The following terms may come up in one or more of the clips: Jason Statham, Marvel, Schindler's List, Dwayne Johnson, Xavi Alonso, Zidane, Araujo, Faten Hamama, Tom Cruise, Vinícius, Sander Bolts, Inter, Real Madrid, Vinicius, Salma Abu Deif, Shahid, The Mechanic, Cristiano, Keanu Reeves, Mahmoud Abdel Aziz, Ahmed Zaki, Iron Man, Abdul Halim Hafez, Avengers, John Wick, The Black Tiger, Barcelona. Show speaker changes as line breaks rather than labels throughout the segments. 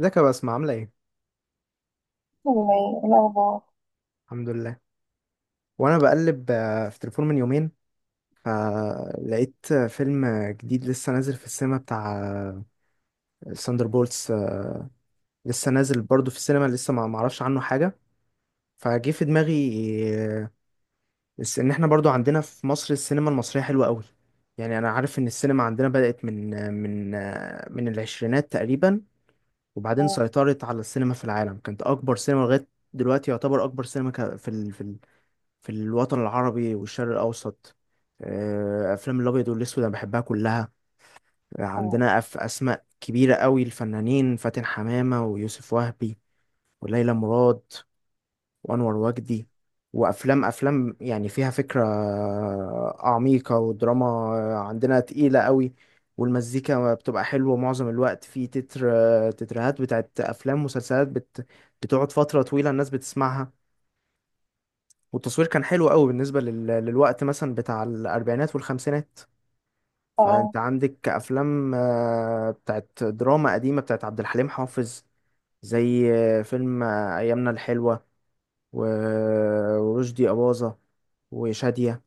ازيك يا بسمة، عاملة ايه؟
والله الأخبار.
الحمد لله. وانا بقلب في تليفون من يومين، فلقيت فيلم جديد لسه نازل في السينما بتاع ساندر بولتس. لسه نازل برضو في السينما، لسه ما معرفش عنه حاجة، فجه في دماغي. آه، بس ان احنا برضو عندنا في مصر السينما المصرية حلوة قوي. يعني انا عارف ان السينما عندنا بدأت من العشرينات تقريبا، وبعدين سيطرت على السينما في العالم. كانت اكبر سينما لغاية دلوقتي، يعتبر اكبر سينما ك- في ال- في في الوطن العربي والشرق الأوسط. أفلام الأبيض والأسود أنا بحبها كلها.
أمم.
عندنا أسماء كبيرة قوي الفنانين: فاتن حمامة، ويوسف وهبي، وليلى مراد، وأنور وجدي. وأفلام يعني فيها فكرة عميقة ودراما عندنا تقيلة قوي. والمزيكا بتبقى حلوة معظم الوقت في تترهات بتاعت أفلام، مسلسلات بتقعد فترة طويلة الناس بتسمعها. والتصوير كان حلو قوي بالنسبة للوقت مثلا بتاع الأربعينات والخمسينات.
اه،
فأنت عندك أفلام بتاعت دراما قديمة بتاعت عبد الحليم حافظ، زي فيلم أيامنا الحلوة، و... ورشدي أباظة وشادية.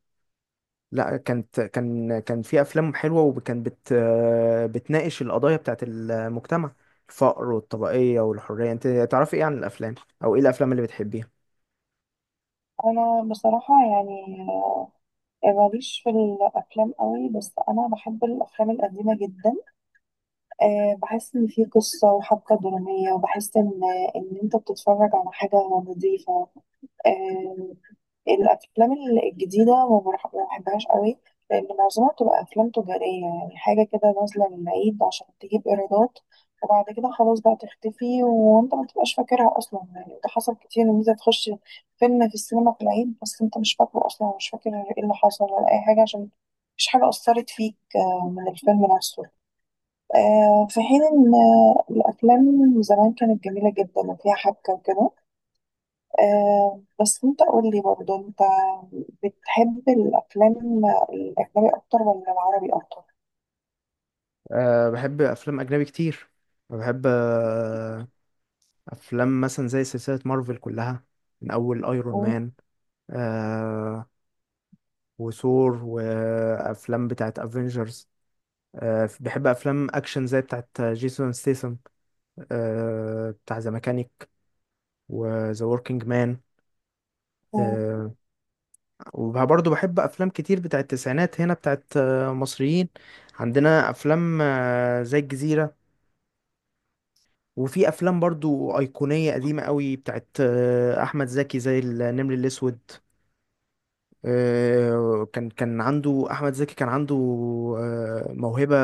لا، كان في أفلام حلوة، وكان بت... آه، بتناقش القضايا بتاعت المجتمع: الفقر والطبقية والحرية. أنت تعرفي إيه عن الأفلام، أو إيه الأفلام اللي بتحبيها؟
أنا بصراحة يعني ماليش في الأفلام قوي، بس أنا بحب الأفلام القديمة جدا. أه، بحس إن في قصة وحبكة درامية، وبحس إن أنت بتتفرج على حاجة نظيفة. آه، الافلام الجديده ما بحبهاش قوي، لان معظمها بتبقى افلام تجاريه، يعني حاجه كده نازله للعيد عشان تجيب ايرادات، وبعد كده خلاص بقى تختفي وانت ما تبقاش فاكرها اصلا. يعني ده حصل كتير ان انت تخش فيلم في السينما في العيد، بس انت مش فاكره اصلا، مش فاكر ايه اللي حصل ولا اي حاجه، عشان مفيش حاجه اثرت فيك من الفيلم نفسه. في حين ان الافلام زمان كانت جميله جدا وفيها حبكه وكده. آه، بس انت قول لي برضه، انت بتحب الافلام الاجنبي اكتر ولا العربي اكتر؟
أه، بحب أفلام أجنبي كتير. بحب أفلام مثلا زي سلسلة مارفل كلها، من أول أيرون
م-
مان. أه وثور وأفلام بتاعت أفينجرز. أه، بحب أفلام أكشن زي بتاعت جيسون ستيسن. أه، بتاع ذا ميكانيك وذا وركينج مان.
م-
أه، وبرضه بحب أفلام كتير بتاعت التسعينات هنا بتاعت مصريين. عندنا أفلام زي الجزيرة. وفي افلام برضو ايقونيه قديمه قوي بتاعت احمد زكي، زي النمر الاسود. كان عنده احمد زكي، كان عنده موهبه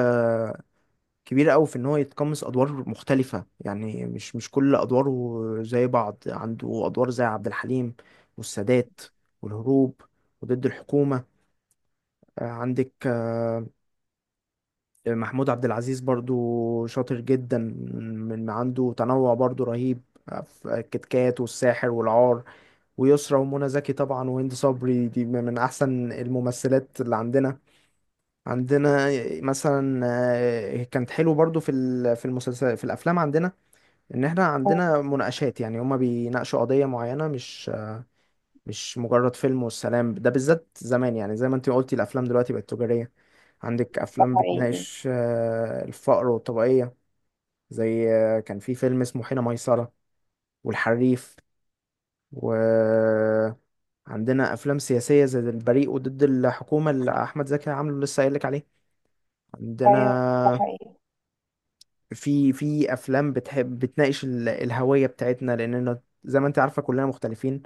كبيره قوي في ان هو يتقمص ادوار مختلفه، يعني مش كل ادواره زي بعض. عنده ادوار زي عبد الحليم، والسادات، والهروب، وضد الحكومه. عندك محمود عبد العزيز برضو شاطر جدا، من عنده تنوع برضو رهيب في الكتكات والساحر والعار. ويسرى ومنى زكي طبعا، وهند صبري، دي من احسن الممثلات اللي عندنا. عندنا مثلا كانت حلو برضو في المسلسل في الافلام عندنا، ان احنا
م.
عندنا مناقشات، يعني هما بيناقشوا قضيه معينه، مش مجرد فيلم والسلام. ده بالذات زمان، يعني زي ما انت قلتي، الافلام دلوقتي بقت تجاريه. عندك
ده
افلام
حقيقي.
بتناقش الفقر والطبقيه، زي كان في فيلم اسمه حين ميسرة، والحريف. وعندنا أفلام سياسية زي البريء وضد الحكومة اللي أحمد زكي عامله، لسه قايلك عليه.
ايوه، ده
عندنا
حقيقي.
في أفلام بتحب بتناقش الهوية بتاعتنا، لأننا زي ما أنت عارفة كلنا مختلفين،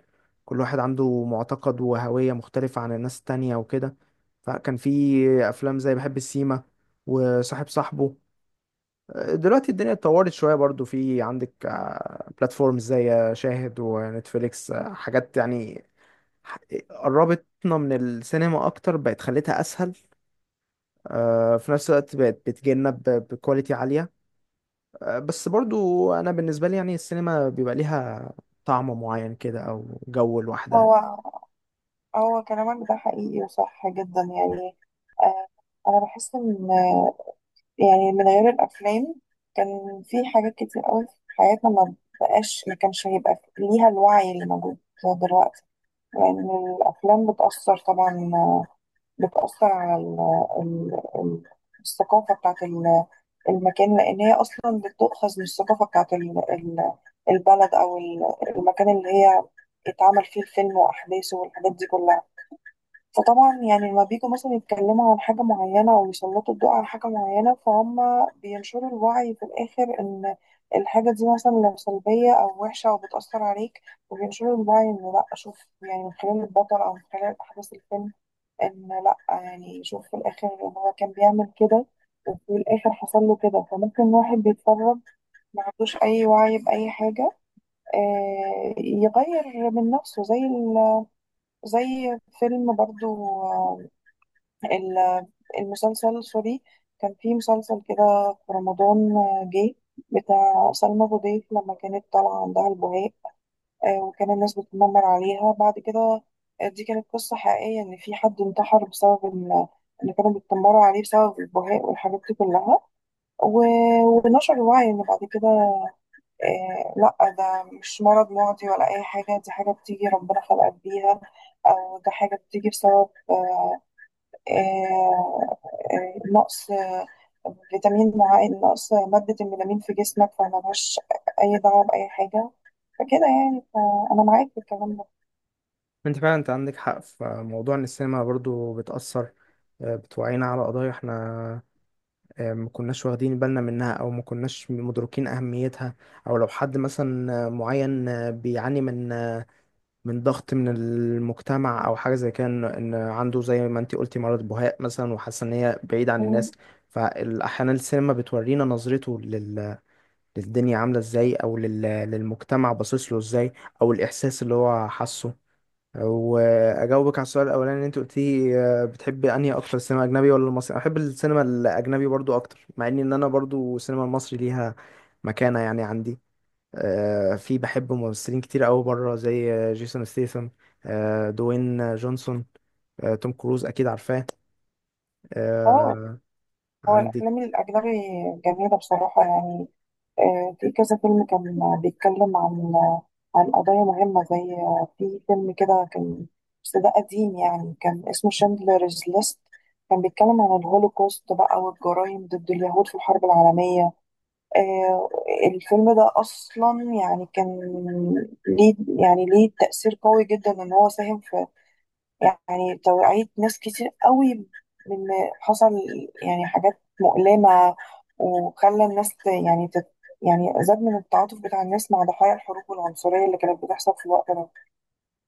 كل واحد عنده معتقد وهوية مختلفة عن الناس التانية وكده. فكان في أفلام زي بحب السيما، وصاحب صاحبه. دلوقتي الدنيا اتطورت شوية، برضو في عندك بلاتفورمز زي شاهد ونتفليكس، حاجات يعني ح- قربتنا من السينما أكتر، بقت خلتها أسهل. في نفس الوقت بقت بتجيلنا بكواليتي عالية. بس برضو أنا بالنسبة لي يعني السينما بيبقى ليها طعم معين كده أو جو لوحدها.
هو هو كلامك ده حقيقي وصح جدا يعني. آه، انا بحس ان يعني من غير الافلام كان في حاجات كتير قوي في حياتنا ما كانش هيبقى ليها الوعي اللي موجود دلوقتي، لان الافلام بتاثر طبعا، بتأثر على ال الثقافة بتاعت المكان، لأن هي أصلا بتؤخذ من الثقافة بتاعت البلد أو المكان اللي هي اتعمل فيه الفيلم وأحداثه والحاجات دي كلها. فطبعا يعني لما بيجوا مثلا يتكلموا عن حاجة معينة أو يسلطوا الضوء على حاجة معينة، فهم بينشروا الوعي في الآخر إن الحاجة دي مثلا لو سلبية أو وحشة أو بتأثر عليك، وبينشروا الوعي إن لأ شوف، يعني من خلال البطل أو من خلال أحداث الفيلم، ان لا يعني شوف في الاخر ان هو كان بيعمل كده، وفي الاخر حصل له كده، فممكن واحد بيتفرج ما عندوش اي وعي باي حاجه، يغير من نفسه. زي فيلم برضو، آه، ال- المسلسل سوري، كان في مسلسل كده في رمضان جه بتاع سلمى أبو ضيف لما كانت طالعه عندها البهاء، وكان الناس بتتنمر عليها بعد كده. دي كانت قصة حقيقية إن في حد انتحر بسبب اللي كانوا بيتنمروا عليه بسبب البهاء والحاجات دي كلها. و... ونشر الوعي إن بعد كده، آه، لأ ده مش مرض معدي ولا أي حاجة، دي حاجة بتيجي ربنا خلقك بيها، أو ده حاجة بتيجي بسبب آه نقص فيتامين معين، نقص مادة الميلامين في جسمك، فملهاش أي دعوة بأي حاجة. فكده يعني فأنا معاك في الكلام ده.
أنت فعلا أنت عندك حق في موضوع إن السينما برضو بتأثر، بتوعينا على قضايا إحنا ما كناش واخدين بالنا منها، او ما كناش مدركين اهميتها. او لو حد مثلا معين بيعاني من ضغط من المجتمع، او حاجه زي كده، إن عنده زي ما انتي قلتي مرض بهاء مثلا، وحاسه ان هي بعيد عن الناس. فاحيانا السينما بتورينا نظرته للدنيا عامله ازاي، او للمجتمع باصص له ازاي، او الاحساس اللي هو حاسه. واجاوبك على السؤال الاولاني اللي انت قلتيه: بتحب انهي اكتر، السينما الاجنبي ولا المصري؟ أنا بحب السينما الاجنبي برضو اكتر، مع ان انا برضو السينما المصري ليها مكانة يعني عندي. في بحب ممثلين كتير قوي بره، زي جيسون ستيثم، دوين جونسون، توم كروز اكيد عارفاه.
اه،
آه،
هو
عندك
الأفلام الأجنبي جميلة بصراحة يعني. في كذا فيلم كان بيتكلم عن عن قضايا مهمة، زي في فيلم كده كان، بس ده قديم يعني، كان اسمه شندلرز ليست، كان بيتكلم عن الهولوكوست بقى والجرائم ضد اليهود في الحرب العالمية. آه، الفيلم ده أصلا يعني كان ليه، يعني ليه تأثير قوي جدا، إن هو ساهم في يعني توعية ناس كتير قوي من حصل يعني حاجات مؤلمة، وخلى الناس ت- يعني تت يعني زاد من التعاطف بتاع الناس مع ضحايا الحروب والعنصرية اللي كانت بتحصل في الوقت ده.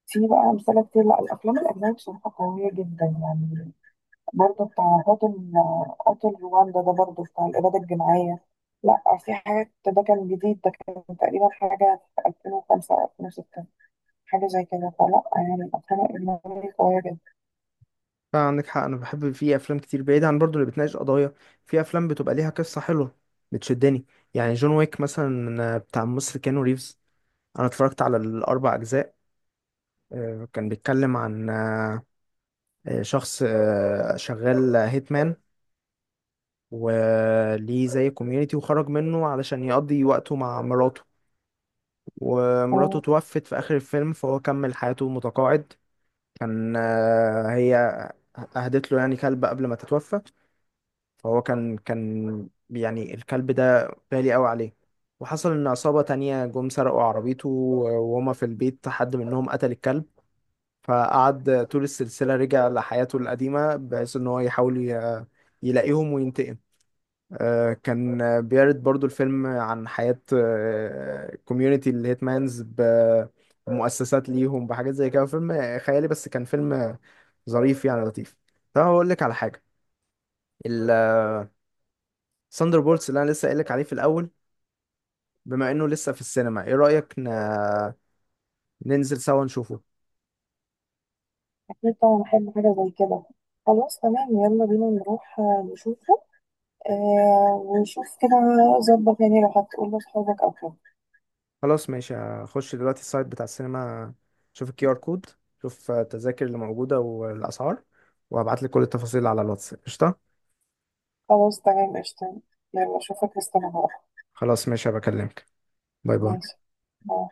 في بقى أمثلة كتير، لا الأفلام الأجنبية بصراحة قوية جدا يعني. برضه بتاع قاتل رواندا، ده برضه بتاع الإبادة الجماعية. لا في حاجات، ده كان جديد، ده كان تقريبا حاجة في 2005 أو 2006، حاجة زي كده. فلا يعني الأفلام الأجنبية قوية
عندك حق. انا بحب في افلام كتير بعيد عن برضو اللي بتناقش قضايا، في افلام بتبقى ليها قصة حلوة بتشدني. يعني جون ويك مثلا، بتاع ممثل كيانو ريفز، انا اتفرجت على الاربع اجزاء. كان بيتكلم عن شخص شغال هيتمان، وليه زي كوميونيتي، وخرج منه علشان يقضي وقته مع مراته. ومراته
جدا.
توفت في اخر الفيلم، فهو كمل حياته متقاعد. كان هي اهدت له يعني كلب قبل ما تتوفى. فهو كان يعني الكلب ده غالي قوي عليه. وحصل ان عصابة تانية جم سرقوا عربيته، وهما في البيت حد منهم قتل الكلب. فقعد طول السلسلة رجع لحياته القديمة بحيث إن هو يحاول يلاقيهم وينتقم. كان بيرد برضو الفيلم عن حياة كوميونيتي الهيتمانز، بمؤسسات ليهم بحاجات زي كده. فيلم خيالي بس كان فيلم ظريف يعني لطيف. طب هقول لك على حاجة: الثاندر بولتس اللي أنا لسه قايل لك عليه في الأول، بما إنه لسه في السينما، إيه رأيك ننزل سوا نشوفه؟
أكيد طبعا بحب حاجة زي كده. خلاص تمام، يلا بينا نروح نشوفه. آه، ونشوف كده ظبط، يعني لو هتقول لأصحابك أو كده.
خلاص ماشي، هخش دلوقتي السايت بتاع السينما، شوف QR كود، شوف التذاكر اللي موجودة والأسعار، وهبعتلك كل التفاصيل على الواتس. قشطة.
خلاص تمام، قشطة. يلا أشوفك، استنى هروح.
خلاص ماشي، هبكلمك. باي باي.
ماشي. باي.